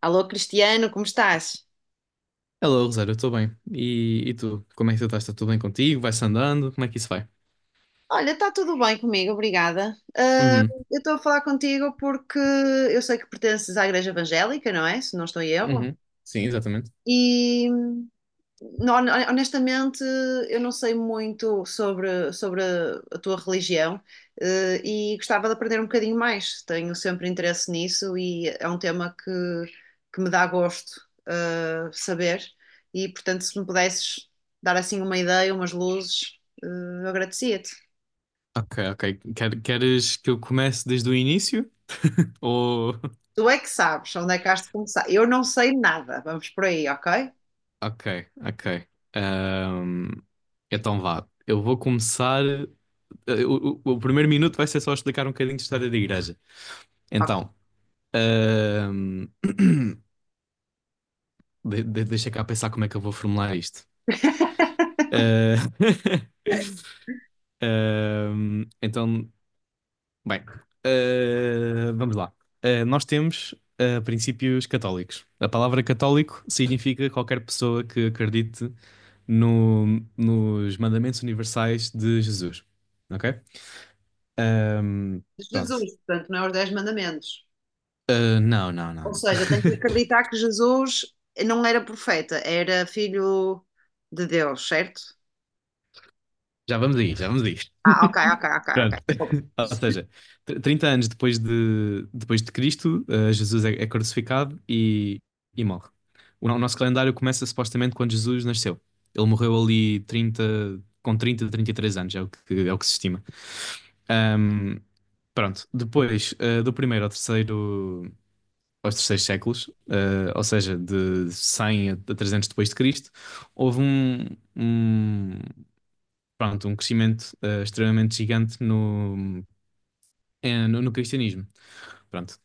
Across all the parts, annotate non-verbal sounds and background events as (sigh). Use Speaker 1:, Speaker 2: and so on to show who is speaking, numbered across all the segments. Speaker 1: Alô, Cristiano, como estás?
Speaker 2: Hello, Rosário, eu estou bem. E tu? Como é que tu estás? Está tudo bem contigo? Vai-se andando? Como é que isso vai?
Speaker 1: Olha, está tudo bem comigo, obrigada.
Speaker 2: Uhum.
Speaker 1: Eu estou a falar contigo porque eu sei que pertences à Igreja Evangélica, não é? Se não estou em erro.
Speaker 2: Uhum. Sim, exatamente.
Speaker 1: E honestamente, eu não sei muito sobre a tua religião, e gostava de aprender um bocadinho mais. Tenho sempre interesse nisso e é um tema que me dá gosto, saber. E, portanto, se me pudesses dar assim uma ideia, umas luzes, eu agradecia-te.
Speaker 2: Ok, ok. Queres que eu comece desde o início? (laughs) Ou.
Speaker 1: Tu é que sabes onde é que has de começar. Eu não sei nada. Vamos por aí, ok?
Speaker 2: Ok, ok. Ahm, Então vá. Eu vou começar. O primeiro minuto vai ser só explicar um bocadinho de história da igreja.
Speaker 1: Ok.
Speaker 2: Então. ahm, (clears throat) deixa cá pensar como é que eu vou formular isto.
Speaker 1: (laughs)
Speaker 2: Eh, (laughs) então, bem, vamos lá. Nós temos princípios católicos. A palavra católico significa qualquer pessoa que acredite nos mandamentos universais de Jesus. Ok? Ahm,
Speaker 1: Jesus,
Speaker 2: pronto.
Speaker 1: portanto, não é os 10 mandamentos.
Speaker 2: Não, não, não,
Speaker 1: Ou
Speaker 2: não.
Speaker 1: seja, tem que
Speaker 2: (laughs)
Speaker 1: acreditar que Jesus não era profeta, era filho de Deus, certo?
Speaker 2: Já vamos aí, já vamos aí.
Speaker 1: Ah, ok,
Speaker 2: (laughs)
Speaker 1: ok, ok, ok.
Speaker 2: Pronto. (laughs) Ou seja, 30 anos depois depois de Cristo, Jesus é crucificado e morre. O, no- O nosso calendário começa supostamente quando Jesus nasceu. Ele morreu ali 30 com trinta e três anos, é o que se estima. Ahm, pronto. Depois, do primeiro ao terceiro, aos terceiros séculos, ou seja, de 100 a 300 depois de Cristo, houve um, um- pronto, um crescimento extremamente gigante no, no cristianismo. Pronto.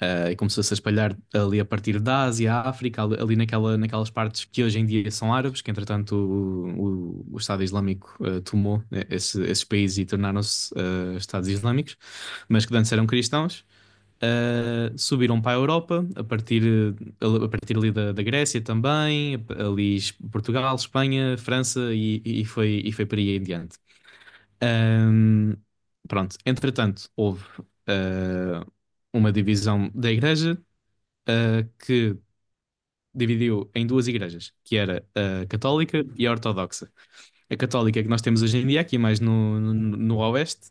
Speaker 2: E começou-se a espalhar ali a partir da Ásia, África, ali, ali naquela, naquelas partes que hoje em dia são árabes, que entretanto o Estado Islâmico tomou esses países e tornaram-se Estados Islâmicos, mas que antes eram cristãos. Subiram para a Europa a partir ali da Grécia também, Portugal, Espanha, França e foi por aí em diante. Ahm, pronto, entretanto, houve ah, uma divisão da igreja que dividiu em duas igrejas, que era a católica e a ortodoxa. A católica que nós temos hoje em dia, aqui mais no, no oeste,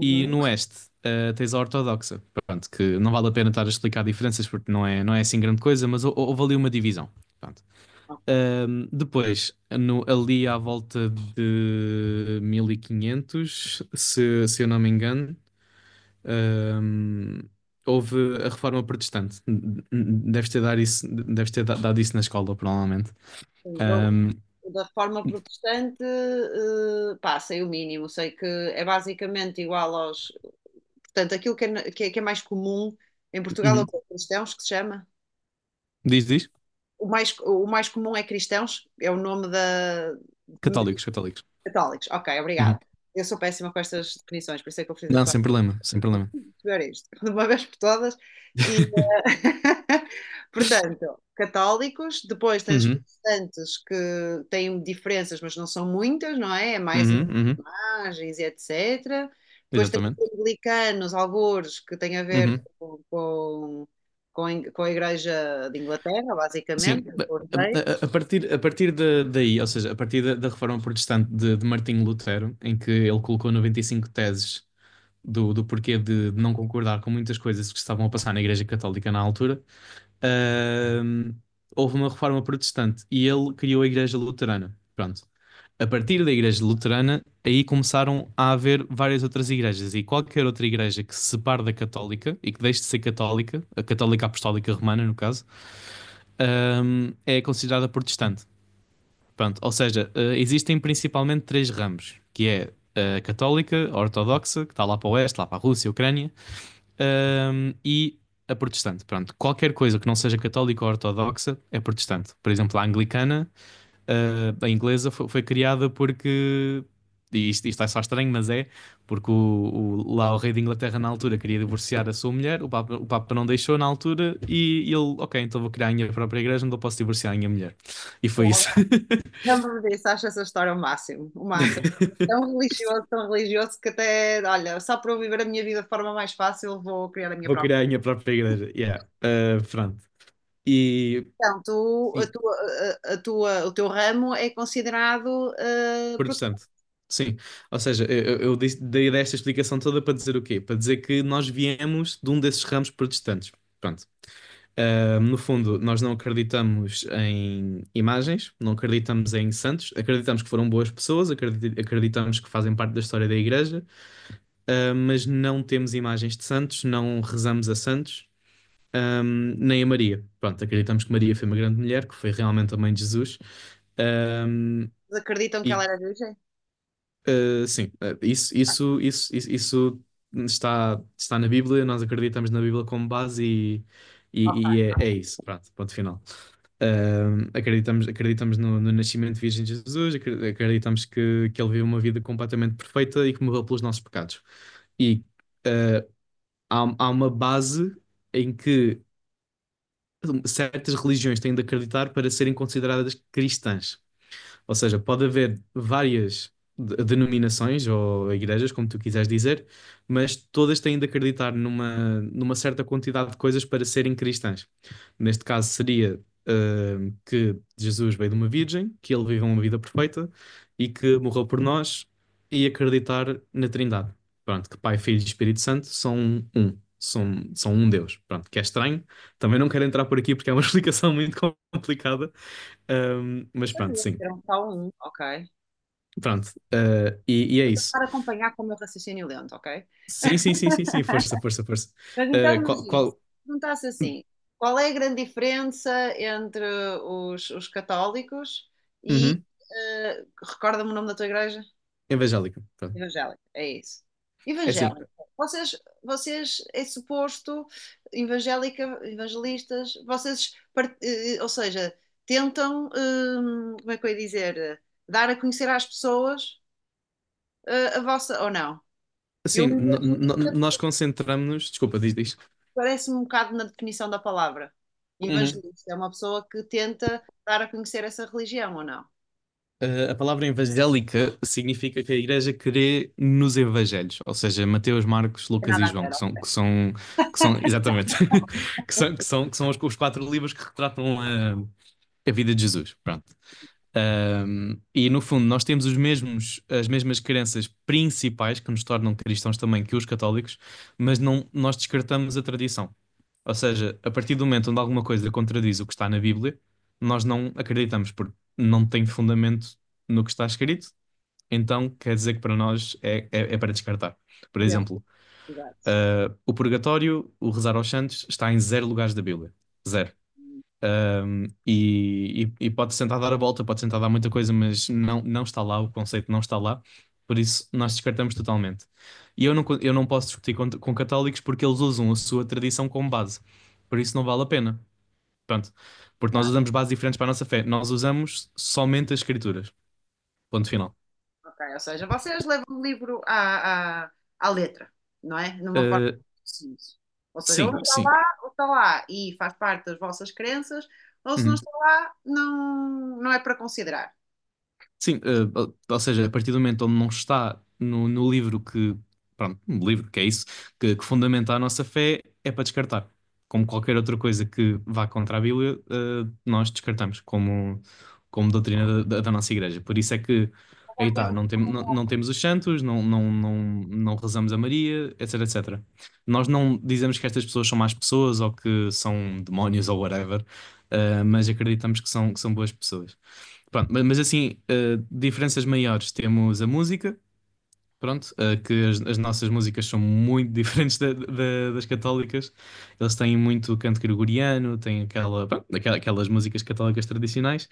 Speaker 2: e no oeste tens a ortodoxa. Pronto, que não vale a pena estar a explicar diferenças porque não é, não é assim grande coisa, mas houve ali uma divisão. Pronto.
Speaker 1: Ok.
Speaker 2: Depois, ali à volta de 1500 se, se eu não me engano, ahm, houve a reforma protestante. Deves ter dado isso, deves ter dado isso na escola, provavelmente.
Speaker 1: Eu,
Speaker 2: Ahm,
Speaker 1: da reforma protestante, pá, sei o mínimo, sei que é basicamente igual aos. Portanto, aquilo que que que é mais comum em Portugal é o
Speaker 2: uhum.
Speaker 1: que é cristãos, que se chama.
Speaker 2: Diz, diz?
Speaker 1: O mais comum é cristãos, é o nome da.
Speaker 2: Católicos, católicos.
Speaker 1: Católicos, ok, obrigada.
Speaker 2: Uhum.
Speaker 1: Eu sou péssima com estas definições, por isso é que eu fiz a
Speaker 2: Não,
Speaker 1: tua
Speaker 2: sem problema, sem problema.
Speaker 1: melhor isto, (laughs) de uma vez por todas. E,
Speaker 2: (laughs)
Speaker 1: (laughs) portanto, católicos, depois tens
Speaker 2: Uhum,
Speaker 1: protestantes que têm diferenças, mas não são muitas, não é? É mais
Speaker 2: uhum, uhum.
Speaker 1: imagens e etc. Depois tens
Speaker 2: Exatamente.
Speaker 1: anglicanos, algures que têm a ver
Speaker 2: Uhum.
Speaker 1: com, com, com a Igreja de Inglaterra,
Speaker 2: Sim,
Speaker 1: basicamente,
Speaker 2: a,
Speaker 1: com reis.
Speaker 2: a partir daí, ou seja, a partir da, da reforma protestante de Martinho Lutero, em que ele colocou 95 teses do, do porquê de não concordar com muitas coisas que estavam a passar na Igreja Católica na altura, ahm, houve uma reforma protestante e ele criou a Igreja Luterana. Pronto. A partir da Igreja Luterana, aí começaram a haver várias outras igrejas e qualquer outra igreja que se separe da católica e que deixe de ser católica, a católica apostólica romana, no caso é considerada protestante. Pronto, ou seja, existem principalmente três ramos, que é a católica, a ortodoxa, que está lá para o oeste, lá para a Rússia, a Ucrânia, e a protestante. Pronto, qualquer coisa que não seja católica ou ortodoxa é protestante. Por exemplo, a anglicana a inglesa foi, foi criada porque. E isto é só estranho, mas é porque lá o rei de Inglaterra na altura queria divorciar a sua mulher, o Papa não deixou na altura e ele, ok, então vou criar a minha própria igreja onde eu posso divorciar a minha mulher. E foi isso.
Speaker 1: Lembro-me disso, acho essa história o máximo, o máximo.
Speaker 2: (laughs)
Speaker 1: Tão religioso que até, olha, só para eu viver a minha vida de forma mais fácil, vou criar a minha
Speaker 2: Vou
Speaker 1: própria.
Speaker 2: criar a minha própria igreja. Yeah. Ah, pronto. E
Speaker 1: Então,
Speaker 2: sim,
Speaker 1: a tua, o teu ramo é considerado protestante.
Speaker 2: protestante. Sim. Ou seja, eu, eu dei desta explicação toda para dizer o quê? Para dizer que nós viemos de um desses ramos protestantes. Pronto. No fundo, nós não acreditamos em imagens, não acreditamos em santos, acreditamos que foram boas pessoas, acreditamos que fazem parte da história da Igreja, mas não temos imagens de santos, não rezamos a santos, nem a Maria. Pronto, acreditamos que Maria foi uma grande mulher, que foi realmente a mãe de Jesus, um,
Speaker 1: Acreditam que ela
Speaker 2: e
Speaker 1: era virgem?
Speaker 2: sim, isso, isso, isso, isso, isso está, está na Bíblia, nós acreditamos na Bíblia como base
Speaker 1: Ok,
Speaker 2: e é, é isso, pronto, ponto final. Acreditamos, acreditamos no, no nascimento virgem de Jesus, acreditamos que ele viveu uma vida completamente perfeita e que morreu pelos nossos pecados. E uh, Há, há uma base em que certas religiões têm de acreditar para serem consideradas cristãs. Ou seja, pode haver várias denominações ou igrejas, como tu quiseres dizer, mas todas têm de acreditar numa, numa certa quantidade de coisas para serem cristãs. Neste caso, seria, que Jesus veio de uma virgem, que ele viveu uma vida perfeita e que morreu por nós e acreditar na Trindade. Pronto, que Pai, Filho e Espírito Santo são um. São, são um Deus. Pronto, que é estranho. Também não quero entrar por aqui porque é uma (laughs) explicação muito complicada. Mas pronto,
Speaker 1: sabia,
Speaker 2: sim.
Speaker 1: eram só um, ok.
Speaker 2: Pronto, e é isso.
Speaker 1: Para acompanhar com o meu raciocínio lento, ok?
Speaker 2: Sim, sim, sim, sim, sim, força, força, força.
Speaker 1: Mas então,
Speaker 2: Qual,
Speaker 1: imagina, se
Speaker 2: qual...
Speaker 1: perguntasse assim, qual é a grande diferença entre os católicos e,
Speaker 2: Uhum,
Speaker 1: recorda-me o nome da tua igreja?
Speaker 2: evangélica, pronto.
Speaker 1: Evangélica, é isso.
Speaker 2: É assim,
Speaker 1: Evangélica. Vocês, vocês, é suposto, evangélica, evangelistas, vocês, ou seja, tentam, como é que eu ia dizer, dar a conhecer às pessoas, a vossa, ou não? Eu
Speaker 2: assim,
Speaker 1: evangelho
Speaker 2: nós concentramos-nos, desculpa, diz, diz.
Speaker 1: parece-me um bocado na definição da palavra.
Speaker 2: Uhum.
Speaker 1: Evangelista é uma pessoa que tenta dar a conhecer essa religião, ou não? Não
Speaker 2: A palavra evangélica significa que a igreja crê nos evangelhos, ou seja, Mateus, Marcos,
Speaker 1: tem
Speaker 2: Lucas
Speaker 1: nada
Speaker 2: e
Speaker 1: a
Speaker 2: João,
Speaker 1: ver,
Speaker 2: que
Speaker 1: ó.
Speaker 2: são, que são, que são, exatamente, (laughs) que são, que são, que são os quatro livros que retratam a vida de Jesus, pronto. E no fundo, nós temos os mesmos, as mesmas crenças principais que nos tornam cristãos também que os católicos, mas não, nós descartamos a tradição. Ou seja, a partir do momento onde alguma coisa contradiz o que está na Bíblia, nós não acreditamos porque não tem fundamento no que está escrito, então quer dizer que para nós é, é, é para descartar. Por
Speaker 1: Exemplo,
Speaker 2: exemplo,
Speaker 1: exato.
Speaker 2: o purgatório, o rezar aos santos, está em zero lugares da Bíblia. Zero.
Speaker 1: Hum,
Speaker 2: E pode tentar dar a volta, pode tentar dar muita coisa, mas não, não está lá, o conceito não está lá, por isso nós descartamos totalmente. E eu não, eu não posso discutir com católicos porque eles usam a sua tradição como base, por isso não vale a pena. Pronto, porque nós
Speaker 1: tá.
Speaker 2: usamos bases diferentes para a nossa fé, nós usamos somente as escrituras. Ponto final.
Speaker 1: Ok, ou seja, vocês levam o livro à letra, não é? Numa forma
Speaker 2: Uh,
Speaker 1: simples. Ou seja,
Speaker 2: sim, sim.
Speaker 1: ou está lá e faz parte das vossas crenças, ou se não
Speaker 2: Uhum.
Speaker 1: está lá, não é para considerar.
Speaker 2: Sim, ou seja, a partir do momento onde não está no, no livro que, pronto, no livro que é isso, que fundamenta a nossa fé, é para descartar. Como qualquer outra coisa que vá contra a Bíblia, nós descartamos como, como doutrina da, da nossa igreja. Por isso é que, aí está, não, tem, não, não temos os santos, não, não, não, não rezamos a Maria, etc, etc. Nós não dizemos que estas pessoas são más pessoas ou que são demónios ou whatever, mas acreditamos que são boas pessoas. Pronto, mas assim, diferenças maiores temos a música, pronto, que as nossas músicas são muito (laughs) diferentes das católicas. Eles têm muito canto gregoriano, têm aquela, pronto, aquelas músicas católicas tradicionais.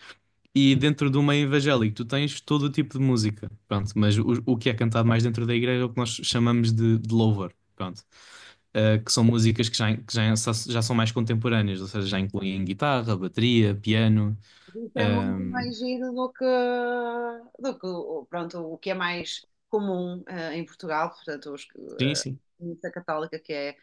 Speaker 2: E dentro do meio evangélico, tu tens todo o tipo de música, pronto, mas o que é cantado mais dentro da igreja é o que nós chamamos de louvor, pronto. Que são músicas que já, já são mais contemporâneas, ou seja, já incluem guitarra, bateria, piano.
Speaker 1: Isso é muito
Speaker 2: ahm,
Speaker 1: mais giro do que pronto, o que é mais comum em Portugal, portanto,
Speaker 2: sim, sim.
Speaker 1: a missa católica que é,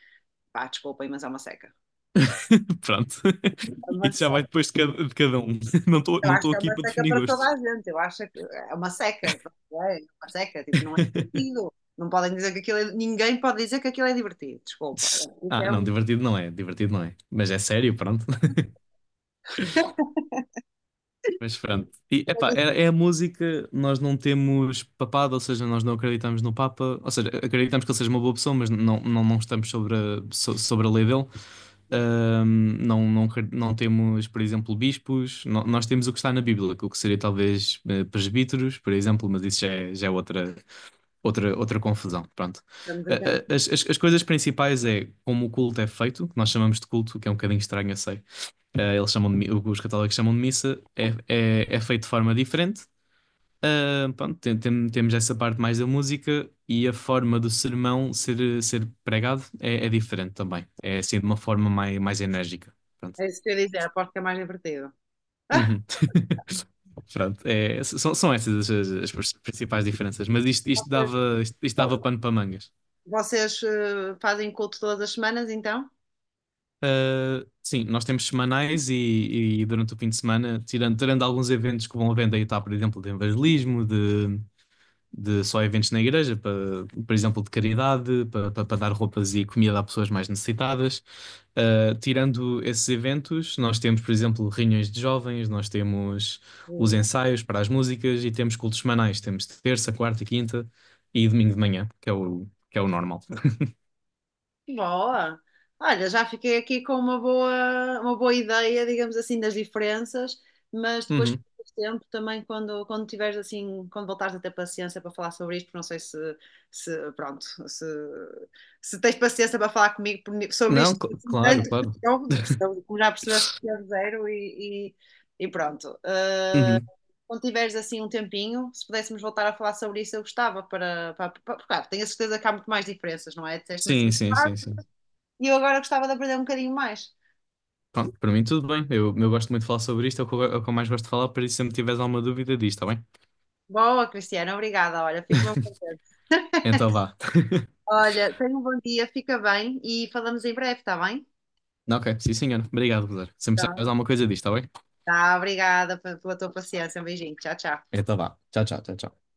Speaker 1: pá, desculpem, mas é uma seca.
Speaker 2: (laughs) Pronto. (laughs) Isso
Speaker 1: Mas
Speaker 2: já vai depois de cada um. (laughs) Não estou
Speaker 1: eu
Speaker 2: não
Speaker 1: acho
Speaker 2: estou
Speaker 1: que é
Speaker 2: aqui
Speaker 1: uma
Speaker 2: para
Speaker 1: seca
Speaker 2: definir
Speaker 1: para toda
Speaker 2: gostos.
Speaker 1: a gente. Eu acho que é uma seca. Pronto, é uma seca, tipo, não é
Speaker 2: (laughs)
Speaker 1: divertido. Não podem dizer que aquilo é... Ninguém pode dizer que aquilo é divertido. Desculpa. Isso
Speaker 2: Ah,
Speaker 1: é
Speaker 2: não,
Speaker 1: uma
Speaker 2: divertido não é, divertido não é. Mas é sério, pronto. (laughs) Mas pronto. E epá,
Speaker 1: coisa
Speaker 2: é, é a música, nós não temos papado, ou seja, nós não acreditamos no Papa, ou seja, acreditamos que ele seja uma boa pessoa, mas não, não, não estamos sobre a, sobre a lei dele.
Speaker 1: assim.
Speaker 2: Não, não, não temos, por exemplo, bispos. Nós temos o que está na Bíblia, o que seria talvez presbíteros, por exemplo, mas isso já é outra, outra, outra confusão, pronto.
Speaker 1: Estamos em tempo.
Speaker 2: As, as, as coisas principais é como o culto é feito, que nós chamamos de culto, que é um bocadinho estranho, eu sei. Eles chamam de, os católicos chamam de missa, é, é, é feito de forma diferente. Ah, pronto, temos essa parte mais da música e a forma do sermão ser, ser pregado é, é diferente também. É assim de uma forma mais, mais enérgica. Pronto.
Speaker 1: É isso que eu ia dizer. Aposto que é mais divertido.
Speaker 2: Uhum. (laughs) Pronto, é, são, são essas as, as principais diferenças, mas
Speaker 1: Vocês
Speaker 2: isto, isto dava pano para mangas.
Speaker 1: vocês, fazem culto todas as semanas, então?
Speaker 2: Sim, nós temos semanais e durante o fim de semana, tirando, tirando alguns eventos que vão havendo aí, tá, por exemplo, de evangelismo, de só eventos na igreja, por exemplo, de caridade, para dar roupas e comida a pessoas mais necessitadas. Tirando esses eventos, nós temos, por exemplo, reuniões de jovens, nós temos os ensaios para as músicas e temos cultos semanais, temos de terça, quarta e quinta e domingo de manhã, que é o normal. (laughs)
Speaker 1: Boa! Olha, já fiquei aqui com uma boa ideia, digamos assim, das diferenças, mas depois,
Speaker 2: Uhum.
Speaker 1: com o tempo, também quando tiveres assim, quando voltares a ter paciência para falar sobre isto, porque não sei se, se pronto, se tens paciência para falar comigo sobre
Speaker 2: Não,
Speaker 1: isto, assim, tanto
Speaker 2: claro,
Speaker 1: que
Speaker 2: claro.
Speaker 1: eu, como já percebeste, que é zero e pronto. Ah,
Speaker 2: Uhum.
Speaker 1: quando tiveres assim um tempinho, se pudéssemos voltar a falar sobre isso, eu gostava para- porque, claro, tenho a certeza que há muito mais diferenças, não é? Disseste-me assim.
Speaker 2: Sim, sim,
Speaker 1: "Ah,
Speaker 2: sim, sim.
Speaker 1: e eu agora gostava de aprender um bocadinho mais.
Speaker 2: Pronto, para mim tudo bem. Eu gosto muito de falar sobre isto, é o que eu, é o que eu mais gosto de falar, por isso se sempre tiveres alguma dúvida diz, está bem?
Speaker 1: Boa, Cristiana, obrigada. Olha, fico mesmo contente.
Speaker 2: Então vá. (laughs)
Speaker 1: Olha, tenha um bom dia, fica bem e falamos em breve, está bem?
Speaker 2: Ok, sim senhor. Obrigado, Rosário. Sempre
Speaker 1: Tá.
Speaker 2: sabes alguma coisa disto, está bem?
Speaker 1: Tá, obrigada pela tua paciência. Um beijinho. Tchau, tchau.
Speaker 2: Então vá. Tchau, tchau, tchau, tchau.